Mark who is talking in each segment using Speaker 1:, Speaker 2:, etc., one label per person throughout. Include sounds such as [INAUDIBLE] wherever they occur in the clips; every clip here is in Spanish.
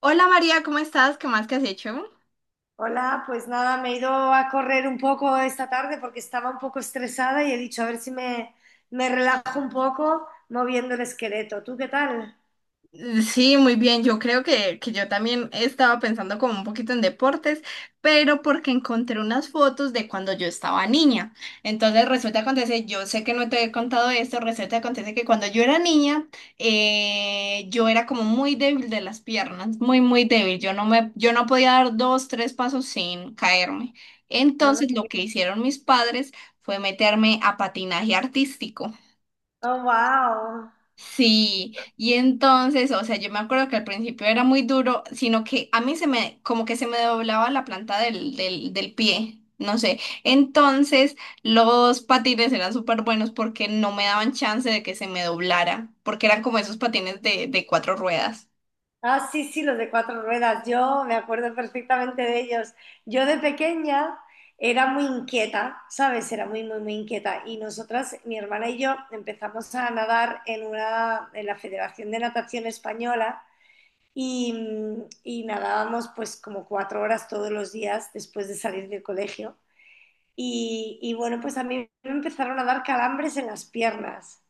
Speaker 1: Hola María, ¿cómo estás? ¿Qué más que has hecho?
Speaker 2: Hola, pues nada, me he ido a correr un poco esta tarde porque estaba un poco estresada y he dicho a ver si me, me relajo un poco moviendo el esqueleto. ¿Tú qué tal?
Speaker 1: Sí, muy bien. Yo creo que yo también estaba pensando como un poquito en deportes, pero porque encontré unas fotos de cuando yo estaba niña. Entonces resulta acontece, yo sé que no te he contado esto, resulta acontece que cuando yo era niña, yo era como muy débil de las piernas, muy, muy débil. Yo no podía dar dos, tres pasos sin caerme.
Speaker 2: No, no.
Speaker 1: Entonces lo que hicieron mis padres fue meterme a patinaje artístico.
Speaker 2: Oh, wow.
Speaker 1: Sí, y entonces, o sea, yo me acuerdo que al principio era muy duro, sino que a mí se me, como que se me doblaba la planta del pie, no sé. Entonces, los patines eran súper buenos porque no me daban chance de que se me doblara, porque eran como esos patines de cuatro ruedas.
Speaker 2: Ah, sí, sí, los de cuatro ruedas. Yo me acuerdo perfectamente de ellos. Yo de pequeña era muy inquieta, ¿sabes? Era muy, muy, muy inquieta. Y nosotras, mi hermana y yo, empezamos a nadar en la Federación de Natación Española. Y, y nadábamos pues como cuatro horas todos los días después de salir del colegio. Y bueno, pues a mí me empezaron a dar calambres en las piernas.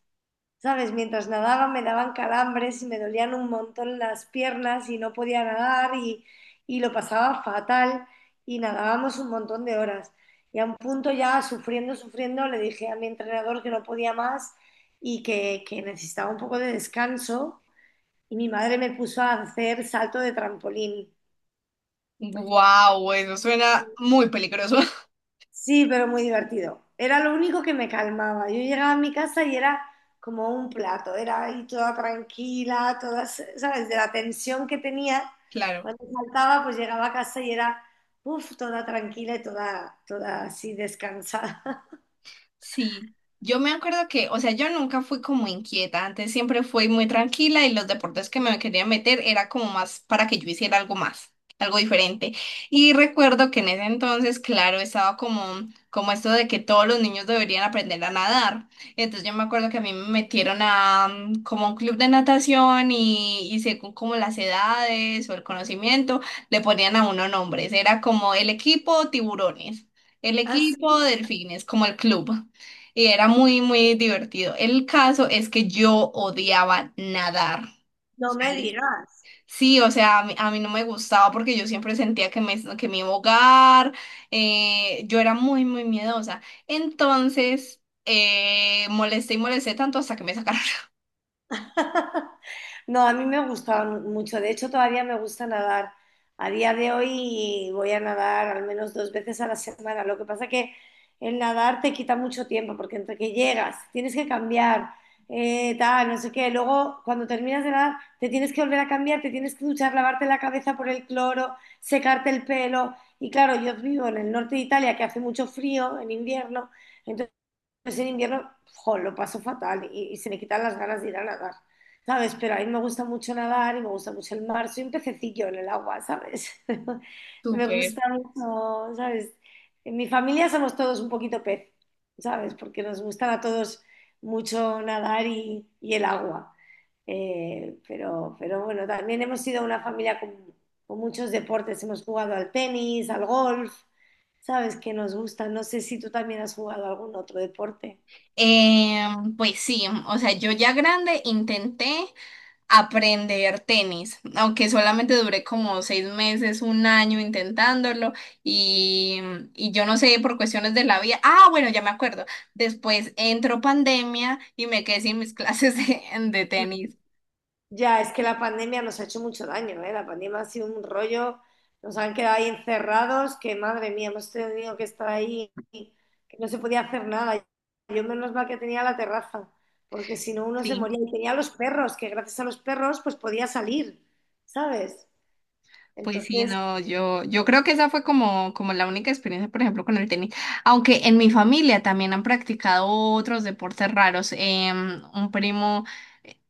Speaker 2: ¿Sabes? Mientras nadaba me daban calambres y me dolían un montón las piernas y no podía nadar y lo pasaba fatal y nadábamos un montón de horas. Y a un punto ya sufriendo, sufriendo, le dije a mi entrenador que no podía más y que necesitaba un poco de descanso y mi madre me puso a hacer salto de trampolín.
Speaker 1: Wow, eso suena muy peligroso. [LAUGHS]
Speaker 2: Sí, pero muy divertido. Era lo único que me calmaba. Yo llegaba a mi casa y era como un plato, era ahí toda tranquila, toda, ¿sabes? De la tensión que tenía
Speaker 1: Claro.
Speaker 2: cuando saltaba, pues llegaba a casa y era, uff, toda tranquila y toda, toda así descansada. [LAUGHS]
Speaker 1: Sí, yo me acuerdo que, o sea, yo nunca fui como inquieta, antes siempre fui muy tranquila y los deportes que me quería meter era como más para que yo hiciera algo más, algo diferente. Y recuerdo que en ese entonces, claro, como esto de que todos los niños deberían aprender a nadar. Entonces yo me acuerdo que a mí me metieron a como a un club de natación y según como las edades o el conocimiento, le ponían a uno nombres, era como el equipo tiburones. El equipo
Speaker 2: Así,
Speaker 1: delfines, como el club. Y era muy, muy divertido. El caso es que yo odiaba nadar.
Speaker 2: no me
Speaker 1: ¿Sale?
Speaker 2: digas.
Speaker 1: Sí, o sea, a mí no me gustaba porque yo siempre sentía que me iba a ahogar. Yo era muy, muy miedosa. Entonces, molesté y molesté tanto hasta que me sacaron. [LAUGHS]
Speaker 2: [LAUGHS] No, a mí me gustaba mucho. De hecho, todavía me gusta nadar. A día de hoy voy a nadar al menos dos veces a la semana. Lo que pasa que el nadar te quita mucho tiempo porque entre que llegas, tienes que cambiar, tal, no sé qué. Luego, cuando terminas de nadar, te tienes que volver a cambiar, te tienes que duchar, lavarte la cabeza por el cloro, secarte el pelo. Y claro, yo vivo en el norte de Italia que hace mucho frío en invierno. Pues en invierno, jo, lo paso fatal y se me quitan las ganas de ir a nadar, ¿sabes? Pero a mí me gusta mucho nadar y me gusta mucho el mar. Soy un pececillo en el agua, ¿sabes? [LAUGHS] Me
Speaker 1: Súper.
Speaker 2: gusta mucho, ¿sabes? En mi familia somos todos un poquito pez, ¿sabes? Porque nos gustan a todos mucho nadar y el agua. Pero bueno, también hemos sido una familia con muchos deportes. Hemos jugado al tenis, al golf, ¿sabes? Que nos gusta. No sé si tú también has jugado algún otro deporte.
Speaker 1: Eh, pues sí, o sea, yo ya grande intenté aprender tenis, aunque solamente duré como seis meses, un año intentándolo y, y yo no sé, por cuestiones de la vida, ah, bueno, ya me acuerdo, después entró pandemia y me quedé sin mis [LAUGHS] clases de tenis,
Speaker 2: Ya, es que la pandemia nos ha hecho mucho daño, ¿eh? La pandemia ha sido un rollo, nos han quedado ahí encerrados, que madre mía, hemos tenido que estar ahí, que no se podía hacer nada. Yo menos mal que tenía la terraza, porque si no uno se
Speaker 1: sí.
Speaker 2: moría. Y tenía los perros, que gracias a los perros pues podía salir, ¿sabes?
Speaker 1: Pues sí,
Speaker 2: Entonces,
Speaker 1: no, yo creo que esa fue como, como la única experiencia, por ejemplo, con el tenis. Aunque en mi familia también han practicado otros deportes raros. Un primo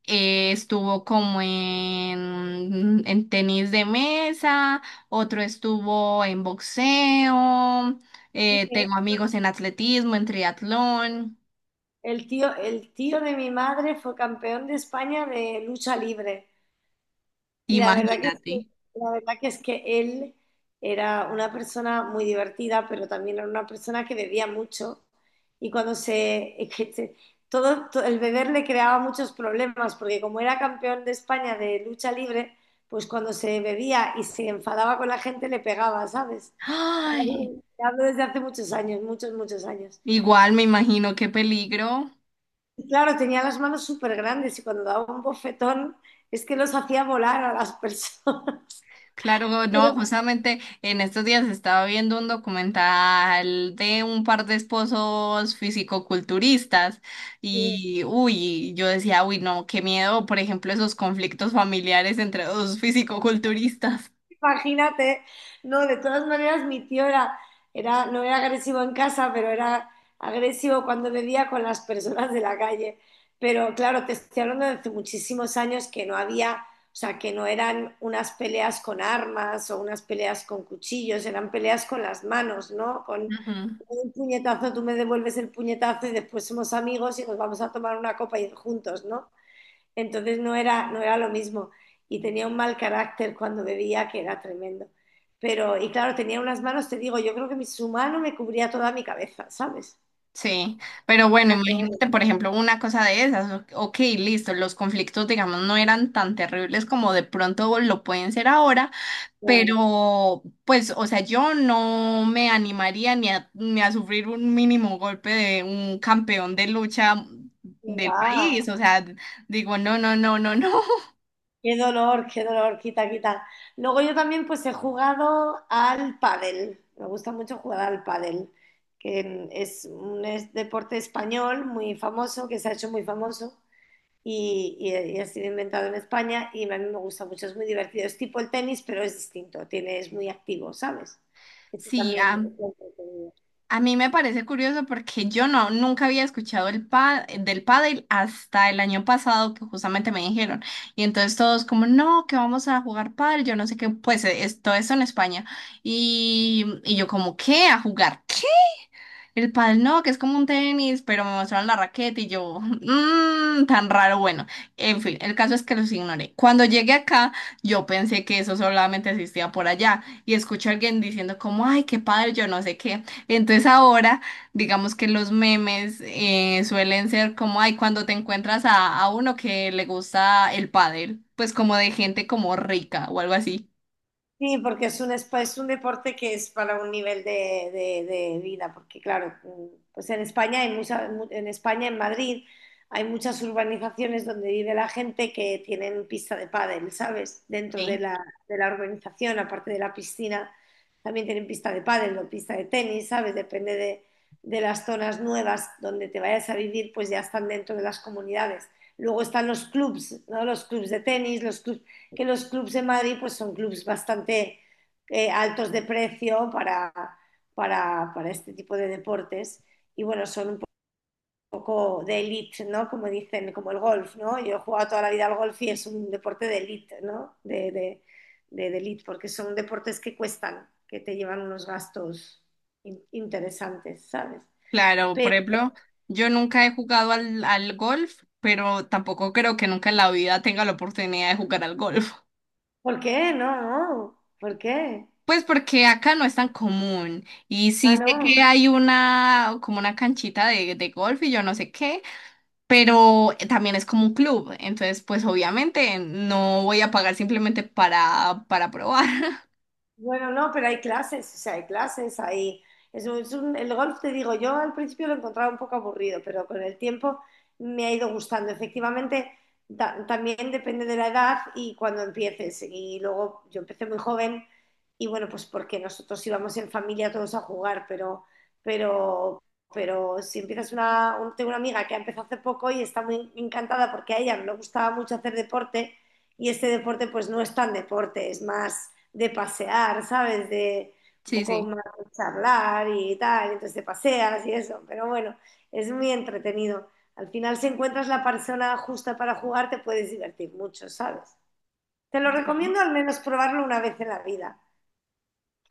Speaker 1: estuvo como en tenis de mesa, otro estuvo en boxeo,
Speaker 2: sí, ¿eh?
Speaker 1: tengo amigos en atletismo, en triatlón,
Speaker 2: El tío de mi madre fue campeón de España de lucha libre. Y
Speaker 1: imagínate.
Speaker 2: la verdad que es que él era una persona muy divertida, pero también era una persona que bebía mucho. Y [LAUGHS] es que se- todo, to- el beber le creaba muchos problemas, porque como era campeón de España de lucha libre, pues cuando se bebía y se enfadaba con la gente le pegaba, ¿sabes?
Speaker 1: Ay,
Speaker 2: Te Hablo desde hace muchos años, muchos, muchos años.
Speaker 1: igual me imagino qué peligro.
Speaker 2: Y claro, tenía las manos súper grandes y cuando daba un bofetón es que los hacía volar a las personas. [LAUGHS]
Speaker 1: Claro, no,
Speaker 2: Pero,
Speaker 1: justamente en estos días estaba viendo un documental de un par de esposos fisicoculturistas y, uy, yo decía, uy, no, qué miedo, por ejemplo, esos conflictos familiares entre dos fisicoculturistas.
Speaker 2: imagínate, no, de todas maneras mi tío era, no era agresivo en casa, pero era agresivo cuando bebía con las personas de la calle. Pero claro, te estoy hablando de hace muchísimos años que no había, o sea, que no eran unas peleas con armas o unas peleas con cuchillos, eran peleas con las manos, ¿no? Con
Speaker 1: Ujú.
Speaker 2: un puñetazo, tú me devuelves el puñetazo y después somos amigos y nos vamos a tomar una copa y juntos, ¿no? Entonces no era lo mismo. Y tenía un mal carácter cuando bebía que era tremendo. Pero, y claro, tenía unas manos, te digo, yo creo que su mano me cubría toda mi cabeza, ¿sabes?
Speaker 1: Sí, pero bueno,
Speaker 2: Era- era-
Speaker 1: imagínate, por ejemplo, una cosa de esas, ok, listo, los conflictos, digamos, no eran tan terribles como de pronto lo pueden ser ahora.
Speaker 2: claro,
Speaker 1: Pero, pues, o sea, yo no me animaría ni a sufrir un mínimo golpe de un campeón de lucha
Speaker 2: qué
Speaker 1: del
Speaker 2: va.
Speaker 1: país. O sea, digo, no, no, no, no, no. [LAUGHS]
Speaker 2: Qué dolor, quita, quita. Luego yo también pues he jugado al pádel. Me gusta mucho jugar al pádel, que es un deporte español muy famoso, que se ha hecho muy famoso y ha sido inventado en España y a mí me gusta mucho, es muy divertido. Es tipo el tenis, pero es distinto, tiene, es muy activo, ¿sabes? Este
Speaker 1: Sí,
Speaker 2: también es muy entretenido.
Speaker 1: a mí me parece curioso porque yo no, nunca había escuchado el del pádel hasta el año pasado que justamente me dijeron. Y entonces todos como, no, que vamos a jugar pádel, yo no sé qué, pues es, todo eso en España. Y yo como, ¿qué? ¿A jugar? El pádel no, que es como un tenis, pero me mostraron la raqueta y yo, mmm, tan raro, bueno. En fin, el caso es que los ignoré. Cuando llegué acá, yo pensé que eso solamente existía por allá y escuché a alguien diciendo como, ay, qué padre, yo no sé qué. Entonces ahora, digamos que los memes suelen ser como, ay, cuando te encuentras a uno que le gusta el pádel, pues como de gente como rica o algo así.
Speaker 2: Sí, porque es es un deporte que es para un nivel de vida, porque claro, pues en España en España, en Madrid, hay muchas urbanizaciones donde vive la gente que tienen pista de pádel, ¿sabes? Dentro de la urbanización, aparte de la piscina, también tienen pista de pádel o pista de tenis, ¿sabes? Depende de las zonas nuevas donde te vayas a vivir, pues ya están dentro de las comunidades. Luego están los clubs, ¿no? Los clubs de tenis, los clubs de Madrid pues son clubs bastante altos de precio para este tipo de deportes y bueno, son un poco de elite, ¿no? Como dicen, como el golf, ¿no? Yo he jugado toda la vida al golf y es un deporte de elite, ¿no? De elite, porque son deportes que cuestan, que te llevan unos gastos in interesantes, ¿sabes?
Speaker 1: Claro,
Speaker 2: Pero,
Speaker 1: por ejemplo, yo nunca he jugado al golf, pero tampoco creo que nunca en la vida tenga la oportunidad de jugar al golf. [LAUGHS]
Speaker 2: ¿por qué? No, no, ¿por qué?
Speaker 1: Pues porque acá no es tan común. Y
Speaker 2: Ah,
Speaker 1: sí sé
Speaker 2: no.
Speaker 1: que hay una, como una canchita de golf y yo no sé qué, pero también es como un club. Entonces, pues obviamente no voy a pagar simplemente para probar. [LAUGHS]
Speaker 2: Bueno, no, pero hay clases, o sea, hay clases, hay... el golf, te digo, yo al principio lo encontraba un poco aburrido, pero con el tiempo me ha ido gustando. Efectivamente, también depende de la edad y cuando empieces. Y luego yo empecé muy joven y bueno, pues porque nosotros íbamos en familia todos a jugar, pero, pero si empiezas tengo una amiga que ha empezado hace poco y está muy encantada porque a ella le gustaba mucho hacer deporte y este deporte pues no es tan deporte, es más de pasear, ¿sabes? De un
Speaker 1: Sí,
Speaker 2: poco
Speaker 1: sí.
Speaker 2: más de charlar y tal, entonces te paseas y eso, pero bueno, es muy entretenido. Al final, si encuentras la persona justa para jugar, te puedes divertir mucho, ¿sabes? Te lo
Speaker 1: Sí.
Speaker 2: recomiendo al menos probarlo una vez en la vida.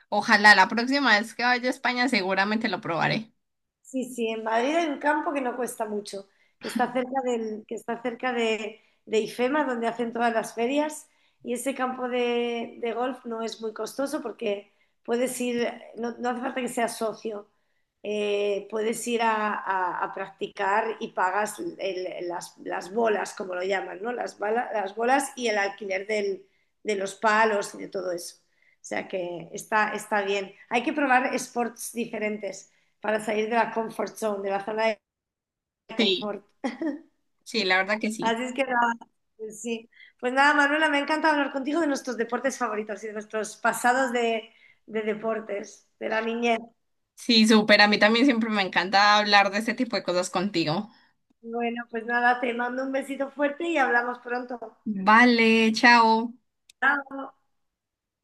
Speaker 1: Ojalá la próxima vez que vaya a España seguramente lo probaré.
Speaker 2: Sí, sí, en Madrid hay un campo que no cuesta mucho, que está cerca de IFEMA, donde hacen todas las ferias, y ese campo de golf no es muy costoso porque puedes ir, no, no hace falta que seas socio, puedes ir a practicar y pagas las bolas, como lo llaman, ¿no? Las bolas y el alquiler de los palos y de todo eso. O sea que está, está bien. Hay que probar sports diferentes para salir de la comfort zone, de la zona de
Speaker 1: Sí,
Speaker 2: confort.
Speaker 1: sí, la verdad que sí.
Speaker 2: Así es que nada, pues sí. Pues nada, Manuela, me encanta hablar contigo de nuestros deportes favoritos y de nuestros pasados de deportes, de la niñez.
Speaker 1: Sí, súper. A mí también siempre me encanta hablar de este tipo de cosas contigo.
Speaker 2: Bueno, pues nada, te mando un besito fuerte y hablamos pronto.
Speaker 1: Vale, chao.
Speaker 2: Chao.